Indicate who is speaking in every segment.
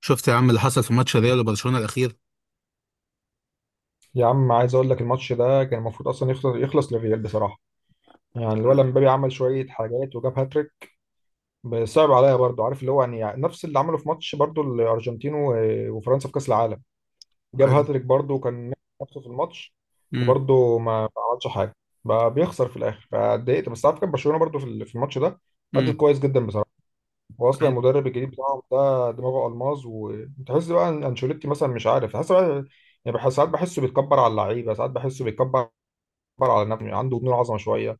Speaker 1: شفت يا عم اللي حصل في ماتش ريال وبرشلونه الاخير؟
Speaker 2: يا عم، عايز اقول لك الماتش ده كان المفروض اصلا يخلص للريال بصراحه. يعني الولد مبابي عمل شويه حاجات وجاب هاتريك. بس صعب عليا برضو، عارف اللي هو يعني نفس اللي عمله في ماتش برضو الارجنتين وفرنسا في كاس العالم. جاب
Speaker 1: عايز
Speaker 2: هاتريك برضو وكان نفسه في الماتش،
Speaker 1: امم
Speaker 2: وبرضو ما عملش حاجه. بقى بيخسر في الاخر فاتضايقت. بس عارف كان برشلونه برضو في الماتش ده أدت
Speaker 1: امم
Speaker 2: كويس جدا بصراحه. واصلا
Speaker 1: عايز
Speaker 2: المدرب الجديد بتاعهم ده دماغه الماظ، وتحس بقى ان انشيلوتي مثلا مش عارف، تحس بقى يعني، بحس ساعات بحسه بيتكبر على اللعيبه، ساعات بحسه بيتكبر، بيكبر على نفسه، عنده جنون عظمه شويه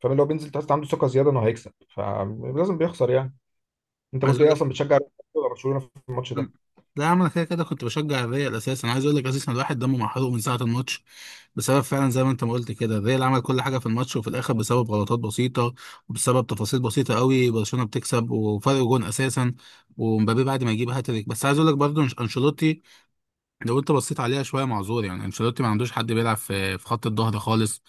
Speaker 2: فاهم. لو بينزل تحس عنده ثقه زياده انه هيكسب، فلازم بيخسر يعني. انت
Speaker 1: عايز
Speaker 2: كنت
Speaker 1: اقول
Speaker 2: ايه
Speaker 1: لك
Speaker 2: اصلا، بتشجع ريال مدريد ولا برشلونه في الماتش
Speaker 1: أم-
Speaker 2: ده؟
Speaker 1: لا يا عم انا كده كده كنت بشجع الريال اساسا. عايز اقول لك اساسا الواحد دمه محروق من ساعه الماتش، بسبب فعلا زي ما انت ما قلت كده. الريال عمل كل حاجه في الماتش، وفي الاخر بسبب غلطات بسيطه وبسبب تفاصيل بسيطه قوي برشلونه بتكسب وفرق جون اساسا ومبابي بعد ما يجيب هاتريك. بس عايز اقول لك برضه، انشيلوتي لو انت بصيت عليها شويه معذور. يعني انشيلوتي ما عندوش حد بيلعب في خط الظهر خالص.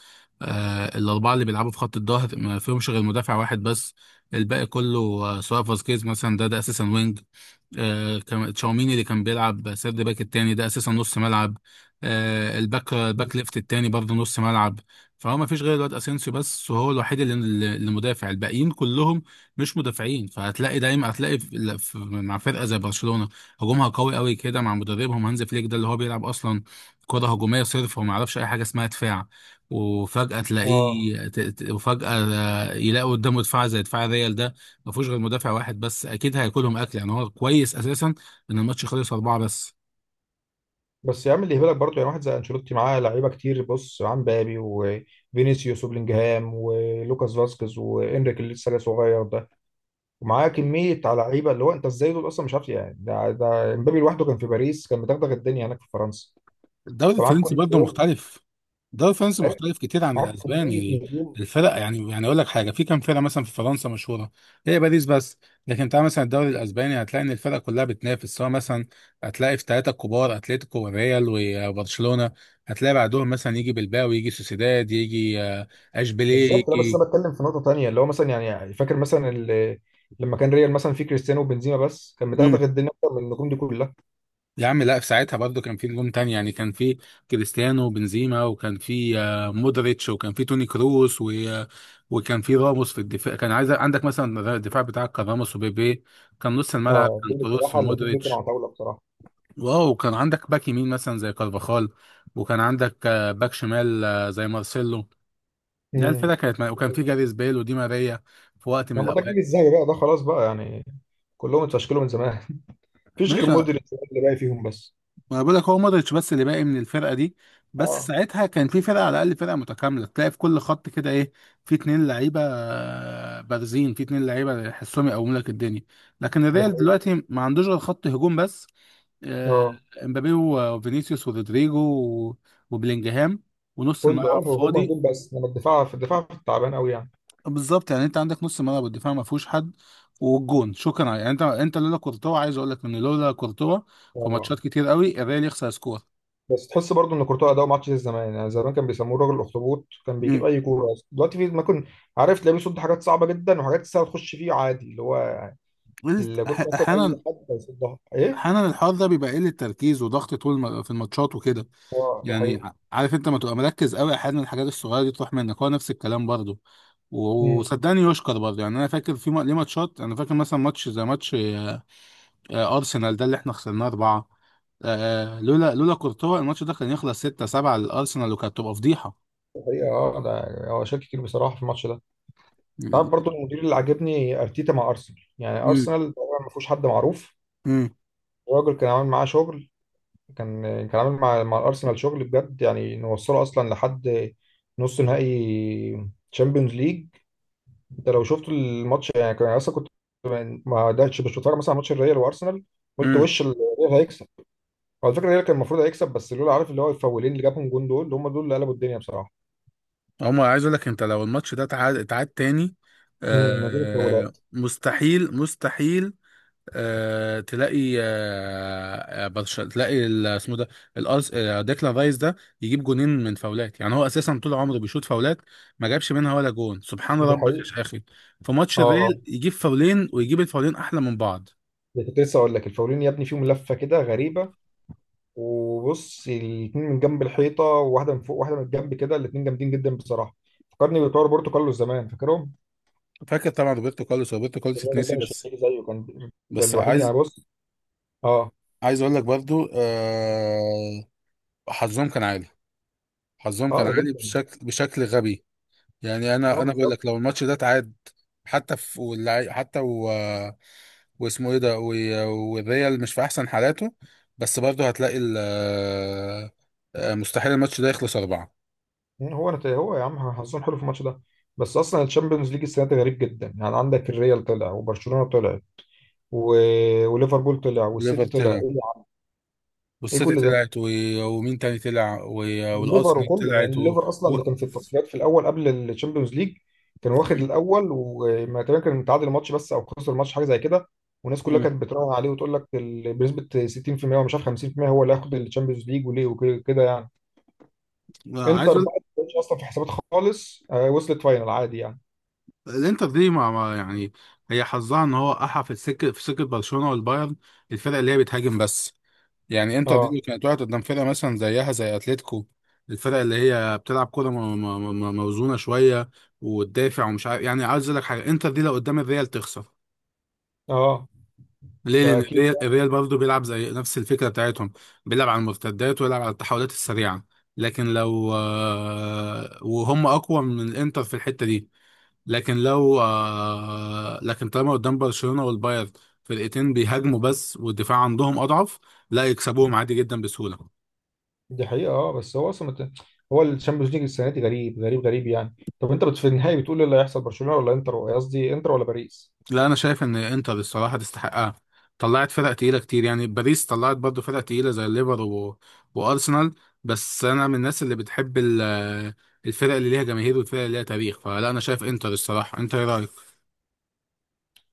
Speaker 1: الاربعه اللي بيلعبوا في خط الظهر ما فيهمش غير مدافع واحد بس. الباقي كله، سواء فاسكيز مثلا، ده اساسا وينج. تشاوميني اللي كان بيلعب سيرد باك التاني ده اساسا نص ملعب. الباك ليفت التاني برضه نص ملعب. فهو ما فيش غير الواد اسينسيو بس، وهو الوحيد اللي مدافع. الباقيين كلهم مش مدافعين. فهتلاقي دايما، هتلاقي مع فرقه زي برشلونه هجومها قوي قوي كده مع مدربهم هانز فليك، ده اللي هو بيلعب اصلا كره هجوميه صرف وما يعرفش اي حاجه اسمها دفاع، وفجاه
Speaker 2: اه.
Speaker 1: تلاقيه ت- ت- وفجاه، يلاقي قدامه دفاع زي دفاع ريال ده ما فيهوش غير مدافع واحد بس. اكيد هياكلهم اكل. يعني هو كويس اساسا ان الماتش خلص 4 بس.
Speaker 2: بس يا عم اللي يهبلك برضه، يعني واحد زي انشيلوتي معاه لعيبه كتير، بص عن بابي وفينيسيوس وبلينجهام ولوكاس فاسكيز وانريك اللي لسه جاي صغير ده، ومعاه كميه على لعيبه اللي هو، انت ازاي دول اصلا مش عارف يعني؟ ده امبابي لوحده كان في باريس كان مدغدغ الدنيا هناك في فرنسا،
Speaker 1: الدوري
Speaker 2: فمعاك
Speaker 1: الفرنسي
Speaker 2: كل
Speaker 1: برضه
Speaker 2: دول.
Speaker 1: مختلف. الدوري الفرنسي
Speaker 2: إيه؟
Speaker 1: مختلف كتير عن
Speaker 2: معاك كميه
Speaker 1: الاسباني.
Speaker 2: نجوم.
Speaker 1: الفرق، يعني اقول لك حاجه، في كام فرقه مثلا في فرنسا مشهوره؟ هي باريس بس. لكن تعال مثلا الدوري الاسباني، هتلاقي ان الفرق كلها بتنافس. سواء مثلا هتلاقي في 3 كبار: اتلتيكو والريال وبرشلونه. هتلاقي بعدهم مثلا يجي بلباو، يجي سوسيداد، يجي اشبيليه
Speaker 2: بالظبط. لا، بس
Speaker 1: يجي.
Speaker 2: انا بتكلم في نقطه تانية، اللي هو مثلا يعني فاكر مثلا لما كان ريال مثلا فيه كريستيانو وبنزيما بس، كان مدغدغ
Speaker 1: مم.
Speaker 2: الدنيا اكتر من النجوم دي كلها.
Speaker 1: يا عم لا، في ساعتها برضو كان في نجوم تاني. يعني كان في كريستيانو وبنزيما، وكان في مودريتش، وكان في توني كروس و... آه، وكان في راموس في الدفاع. كان عايز عندك مثلا الدفاع بتاعك كان راموس وبيبي. كان نص الملعب
Speaker 2: اه،
Speaker 1: كان
Speaker 2: دول
Speaker 1: كروس
Speaker 2: بصراحه الاثنين دول كانوا
Speaker 1: ومودريتش.
Speaker 2: على طاوله بصراحه.
Speaker 1: واو، كان عندك باك يمين مثلا زي كارفاخال، وكان عندك باك شمال، زي مارسيلو. لا
Speaker 2: امم
Speaker 1: الفرقه وكان في جاريث بيل ودي ماريا في وقت من
Speaker 2: لما ده الجيل
Speaker 1: الاوقات.
Speaker 2: الذهبي بقى ده، خلاص بقى يعني. كلهم اتفشكلوا من زمان، مفيش غير
Speaker 1: ماشي،
Speaker 2: مودريتش اللي باقي فيهم بس.
Speaker 1: ما بقول لك هو مودريتش بس اللي باقي من الفرقه دي. بس
Speaker 2: اه،
Speaker 1: ساعتها كان في فرقه، على الاقل فرقه متكامله تلاقي في كل خط كده ايه. في اتنين لعيبه بارزين، في اتنين لعيبه يحسهم يقوموا لك الدنيا. لكن
Speaker 2: دي
Speaker 1: الريال
Speaker 2: حقيقة.
Speaker 1: دلوقتي ما عندوش غير خط هجوم بس: آه،
Speaker 2: اه،
Speaker 1: امبابي وفينيسيوس ورودريجو وبلينجهام، ونص
Speaker 2: كله، اه،
Speaker 1: الملعب
Speaker 2: هم
Speaker 1: فاضي.
Speaker 2: هجوم بس، انما الدفاع، في التعبان قوي يعني.
Speaker 1: بالظبط. يعني انت عندك نص الملعب والدفاع ما فيهوش حد، والجون شكرا. يعني انت لولا كورتوا، عايز اقول لك ان لولا كورتوا في
Speaker 2: اه.
Speaker 1: ماتشات كتير قوي الريال يخسر سكور.
Speaker 2: بس تحس برضو ان كورتوا اداؤه ما عادش زي زمان يعني. زمان كان بيسموه راجل الاخطبوط، كان بيجيب اي كوره. دلوقتي في ما كنت عارف، تلاقيه بيصد حاجات صعبه جدا، وحاجات سهله تخش فيه عادي، اللي هو
Speaker 1: قلت
Speaker 2: اللي كنت
Speaker 1: أح-
Speaker 2: مثلا
Speaker 1: احيانا
Speaker 2: اي حد هيصدها، ايه.
Speaker 1: احيانا الحوار ده بيبقى قله تركيز وضغط طول في الماتشات وكده.
Speaker 2: اه، ده
Speaker 1: يعني
Speaker 2: حقيقه.
Speaker 1: عارف انت، ما تبقى مركز قوي احيانا الحاجات الصغيره دي تروح منك. هو نفس الكلام برضه.
Speaker 2: امم
Speaker 1: وصدقني يشكر برضه. يعني انا فاكر ليه ماتشات، انا فاكر مثلا ماتش زي ماتش ارسنال ده اللي احنا خسرناه 4. لولا كورتوا الماتش ده كان يخلص 6 7 للارسنال وكانت تبقى فضيحه.
Speaker 2: ده حقيقه. اه، ده يعني هو شال كتير بصراحه في الماتش ده. انت عارف برضو المدير اللي عاجبني ارتيتا مع ارسنال، يعني
Speaker 1: امم
Speaker 2: ارسنال طبعا ما فيهوش حد معروف. الراجل كان عامل معاه شغل، كان كان عامل مع الارسنال شغل بجد يعني، نوصله اصلا لحد نص نهائي تشامبيونز ليج. انت لو شفت الماتش يعني، كان اصلا كنت ما قعدتش مش بتفرج مثلا على ماتش الريال وارسنال. قلت
Speaker 1: امم
Speaker 2: وش الريال هيكسب. على فكره الريال كان المفروض هيكسب، بس لولا عارف اللي هو الفاولين اللي جابهم جون، دول هم دول اللي قلبوا الدنيا بصراحه.
Speaker 1: عمر، عايز اقول لك انت لو الماتش ده اتعاد تاني،
Speaker 2: من غير الفاولات.
Speaker 1: مستحيل مستحيل. تلاقي اسمه ده، الارس آه، ديكلان رايس ده يجيب جونين من فاولات. يعني هو اساسا طول عمره بيشوط فاولات ما جابش منها ولا جون، سبحان
Speaker 2: دي
Speaker 1: ربك
Speaker 2: حقيقة.
Speaker 1: يا اخي! في ماتش
Speaker 2: اه،
Speaker 1: الريال يجيب فاولين، ويجيب الفاولين احلى من بعض.
Speaker 2: ده كنت لسه اقول لك، الفاولين يا ابني فيهم لفه كده غريبه. وبص الاثنين من جنب الحيطه، وواحده من فوق واحده من الجنب كده، الاثنين جامدين جدا بصراحه. فكرني بتوع روبرتو كارلوس زمان، فاكرهم؟
Speaker 1: فاكر طبعا روبرتو كارلوس. روبرتو كارلوس
Speaker 2: الراجل
Speaker 1: اتنسي
Speaker 2: ده مش
Speaker 1: بس.
Speaker 2: هيجي زيه كان. ده
Speaker 1: بس
Speaker 2: الوحيد
Speaker 1: عايز
Speaker 2: يعني بص. اه.
Speaker 1: عايز اقول لك برضو، حظهم كان عالي. حظهم كان
Speaker 2: اه، ده
Speaker 1: عالي
Speaker 2: جدا.
Speaker 1: بشكل، غبي. يعني انا
Speaker 2: اه،
Speaker 1: انا بقول
Speaker 2: بالظبط.
Speaker 1: لك لو الماتش ده اتعاد حتى حتى، واسمه ايه ده، والريال مش في احسن حالاته، بس برضه هتلاقي ال... آه، مستحيل الماتش ده يخلص 4.
Speaker 2: هو يا عم حظهم حلو في الماتش ده. بس اصلا الشامبيونز ليج السنه دي غريب جدا يعني. عندك الريال طلع، وبرشلونه طلع، و... وليفربول طلع،
Speaker 1: ليفر
Speaker 2: والسيتي طلع،
Speaker 1: طلع،
Speaker 2: ايه يا عم؟ إيه
Speaker 1: والسيتي
Speaker 2: كل ده؟
Speaker 1: طلعت، ومين تاني طلع،
Speaker 2: الليفر
Speaker 1: والارسنال
Speaker 2: وكله، يعني
Speaker 1: طلعت
Speaker 2: الليفر اصلا
Speaker 1: و...
Speaker 2: اللي كان في التصفيات في الاول قبل الشامبيونز ليج، كان واخد الاول وما تقريبا كان متعادل ماتش بس او خسر ماتش حاجه زي كده. والناس كلها
Speaker 1: مم.
Speaker 2: كانت بتراهن عليه وتقول لك بنسبه 60% ومش عارف 50%، هو اللي هياخد الشامبيونز ليج وليه وكده يعني.
Speaker 1: عايز
Speaker 2: انتر
Speaker 1: اقول
Speaker 2: بقى ما كانتش اصلا في حسابات خالص، وصلت فاينل عادي يعني.
Speaker 1: الانتر دي، يعني هي حظها ان هو احى في سكه برشلونه والبايرن، الفرق اللي هي بتهاجم بس. يعني انتر دي
Speaker 2: اه.
Speaker 1: اللي كانت واقعة قدام فرقة مثلا زيها زي اتلتيكو، الفرق اللي هي بتلعب كورة موزونة شوية وتدافع ومش عارف. يعني عايز اقول لك حاجة: انتر دي لو قدام الريال تخسر.
Speaker 2: اه،
Speaker 1: ليه؟
Speaker 2: ده
Speaker 1: لأن
Speaker 2: اكيد
Speaker 1: الريال برضه بيلعب زي نفس الفكرة بتاعتهم، بيلعب على المرتدات ويلعب على التحولات السريعة. لكن لو، وهم أقوى من الانتر في الحتة دي. لكن لو آه، لكن طالما قدام برشلونة والبايرن، فرقتين بيهاجموا بس والدفاع عندهم أضعف، لا يكسبوهم
Speaker 2: يعني،
Speaker 1: عادي جدا بسهولة.
Speaker 2: دي حقيقه. اه، بس هو اصلا هو الشامبيونز ليج السنه دي غريب غريب غريب يعني. طب انت في النهائي بتقول ايه اللي هيحصل؟ برشلونه ولا انتر، قصدي انتر ولا باريس؟
Speaker 1: لا انا شايف ان انتر، الصراحه، تستحقها. طلعت فرق تقيله كتير. يعني باريس طلعت برضو فرق تقيله زي الليفر، وارسنال. بس انا من الناس اللي بتحب الفرق اللي ليها جماهير والفرق اللي ليها تاريخ، فلا انا شايف انتر الصراحه. انت ايه رايك؟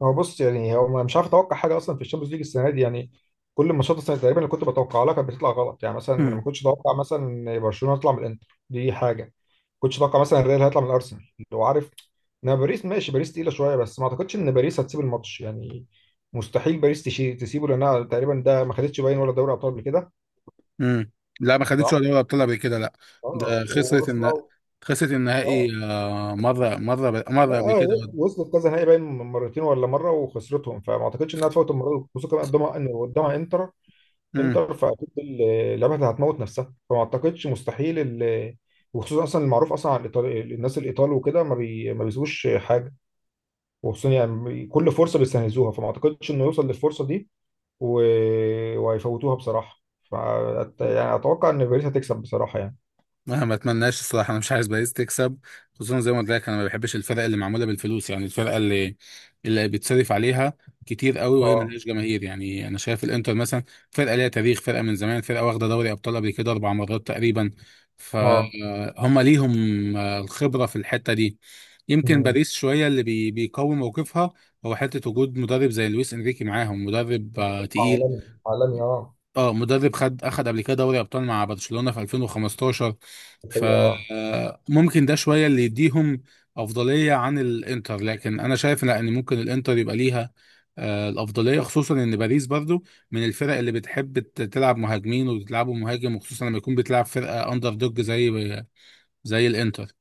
Speaker 2: هو بص يعني، هو أنا مش عارف اتوقع حاجه اصلا في الشامبيونز ليج السنه دي يعني. كل الماتشات السنه تقريبا اللي كنت بتوقع لها كانت بتطلع غلط يعني. مثلا ما
Speaker 1: مم.
Speaker 2: كنتش اتوقع مثلا إن برشلونه يطلع من الانتر دي، حاجه ما كنتش اتوقع مثلا الريال هيطلع من الارسنال لو عارف. انا باريس ماشي، باريس تقيله شويه بس ما اعتقدش ان باريس هتسيب الماتش يعني. مستحيل باريس تسيبه، لانها تقريبا ده ما خدتش باين ولا دوري ابطال قبل كده.
Speaker 1: مم. لا ما خدتش ولا دوري ابطال قبل كده، لا.
Speaker 2: اه
Speaker 1: ده خسرت
Speaker 2: وواصله.
Speaker 1: خسرت النهائي،
Speaker 2: اه،
Speaker 1: مره مره
Speaker 2: لا،
Speaker 1: مره قبل كده.
Speaker 2: اه وصلت كذا نهائي باين، مرتين ولا مره وخسرتهم، فما اعتقدش انها تفوت المره دي، خصوصا كمان قدامها ان قدامها انتر. انتر فاكيد لعبها هتموت نفسها، فما اعتقدش، مستحيل وخصوصا اصلا المعروف اصلا عن الناس الايطال وكده ما بيسيبوش حاجه. وخصوصا يعني كل فرصه بيستنزوها، فما اعتقدش انه يوصل للفرصه دي، و... وهيفوتوها بصراحه. ف يعني اتوقع ان باريس هتكسب بصراحه يعني.
Speaker 1: انا ما اتمناش، الصراحه. انا مش عايز باريس تكسب. خصوصا زي ما قلت لك، انا ما بحبش الفرقه اللي معموله بالفلوس. يعني الفرقه اللي بيتصرف عليها كتير قوي وهي
Speaker 2: اه.
Speaker 1: ملهاش جماهير. يعني انا شايف الانتر مثلا فرقه ليها تاريخ، فرقه من زمان، فرقه واخده دوري ابطال قبل كده 4 مرات تقريبا.
Speaker 2: اه.
Speaker 1: فهم ليهم الخبره في الحته دي. يمكن
Speaker 2: مم.
Speaker 1: باريس شويه اللي بيقوي موقفها هو حته وجود مدرب زي لويس انريكي معاهم، مدرب تقيل.
Speaker 2: عالمي عالمي اه.
Speaker 1: اه، مدرب اخد قبل كده دوري ابطال مع برشلونة في 2015. مم.
Speaker 2: هي.
Speaker 1: فممكن ده شوية اللي يديهم افضلية عن الانتر. لكن انا شايف لا، ان ممكن الانتر يبقى ليها الافضلية. خصوصا ان باريس برضو من الفرق اللي بتحب تلعب مهاجمين وبتلعبوا مهاجم، وخصوصا لما يكون بتلعب فرقة اندر دوج زي الانتر.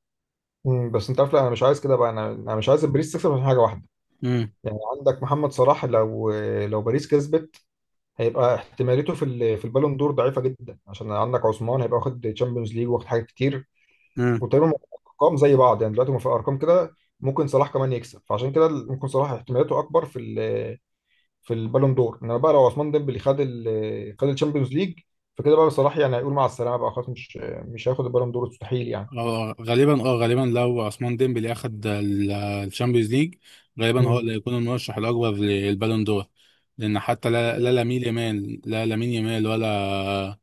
Speaker 2: بس انت عارف. لا، انا مش عايز كده بقى. انا مش عايز باريس تكسب عشان حاجه واحده يعني. عندك محمد صلاح، لو لو باريس كسبت هيبقى احتماليته في البالون دور ضعيفه جدا، عشان عندك عثمان هيبقى واخد تشامبيونز ليج واخد حاجات كتير،
Speaker 1: مم.
Speaker 2: وتقريبا ارقام زي بعض يعني. دلوقتي في ارقام كده ممكن صلاح كمان يكسب، فعشان كده ممكن صلاح احتماليته اكبر في البالون دور. انما بقى لو عثمان ديمبلي خد الشامبيونز ليج، فكده بقى صلاح يعني هيقول مع السلامه بقى خلاص. مش هياخد البالون دور مستحيل يعني.
Speaker 1: اه غالبا لو عثمان ديمبلي اخد الشامبيونز ليج، غالبا هو
Speaker 2: مم.
Speaker 1: اللي هيكون المرشح الاكبر للبالون دور. لان حتى لا لامين يامال ولا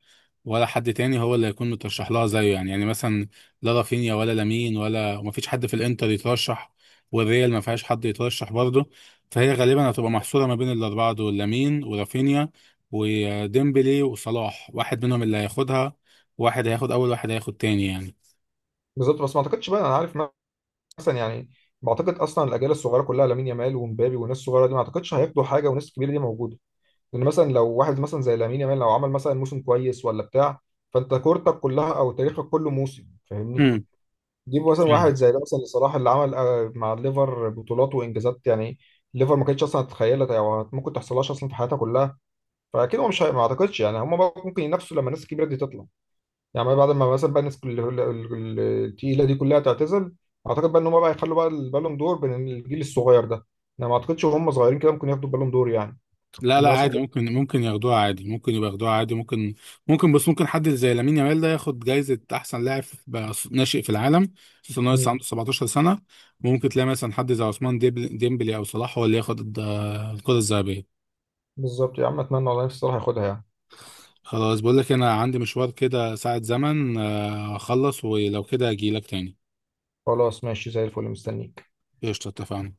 Speaker 1: ولا حد تاني هو اللي هيكون مترشح لها زيه. يعني، مثلا لا رافينيا ولا لامين وما فيش حد في الانتر يترشح، والريال ما فيهاش حد يترشح برضه. فهي غالبا هتبقى محصوره ما بين الاربعه دول: لامين ورافينيا وديمبلي وصلاح. واحد منهم اللي هياخدها. واحد هياخد اول، واحد هياخد تاني يعني.
Speaker 2: بالظبط. بس ما اعتقدش بقى، انا عارف مثلا يعني، بعتقد اصلا الاجيال الصغيره كلها لامين يامال ومبابي والناس الصغيره دي، ما اعتقدش هياخدوا حاجه والناس الكبيره دي موجوده. لان مثلا لو واحد مثلا زي لامين يامال لو عمل مثلا موسم كويس ولا بتاع، فانت كورتك كلها او تاريخك كله موسم فاهمني. جيب مثلا
Speaker 1: فاهم.
Speaker 2: واحد زي ده مثلا صلاح اللي عمل مع الليفر بطولات وانجازات يعني. الليفر ما كانتش اصلا تتخيلها او ممكن تحصلهاش اصلا في حياتها كلها. فاكيد هو مش هي- ما اعتقدش يعني. هم ممكن ينافسوا لما الناس الكبيره دي تطلع، يعني بعد ما مثلا بقى الناس التقيله دي كلها تعتزل، اعتقد بقى ان هم بقى يخلوا بقى البالون دور بين الجيل الصغير ده. انا ما اعتقدش وهم صغيرين كده ممكن ياخدوا البالون دور يعني.
Speaker 1: لا لا
Speaker 2: الناس.
Speaker 1: عادي، ممكن ياخدوها عادي، ممكن يبقى ياخدوها عادي، ممكن. بس ممكن حد زي لامين يامال ده ياخد جايزة أحسن لاعب بقى ناشئ في العالم، خصوصا إن هو لسه
Speaker 2: مم.
Speaker 1: عنده 17 سنة. ممكن تلاقي مثلا حد زي عثمان ديمبلي أو صلاح هو اللي ياخد الكرة الذهبية.
Speaker 2: بالظبط يا عم، اتمنى والله نفسي صلاح ياخدها يعني.
Speaker 1: خلاص، بقول لك أنا عندي مشوار كده ساعة زمن، أخلص ولو كده أجيلك تاني.
Speaker 2: خلاص ماشي زي الفل، مستنيك.
Speaker 1: قشطة، اتفقنا.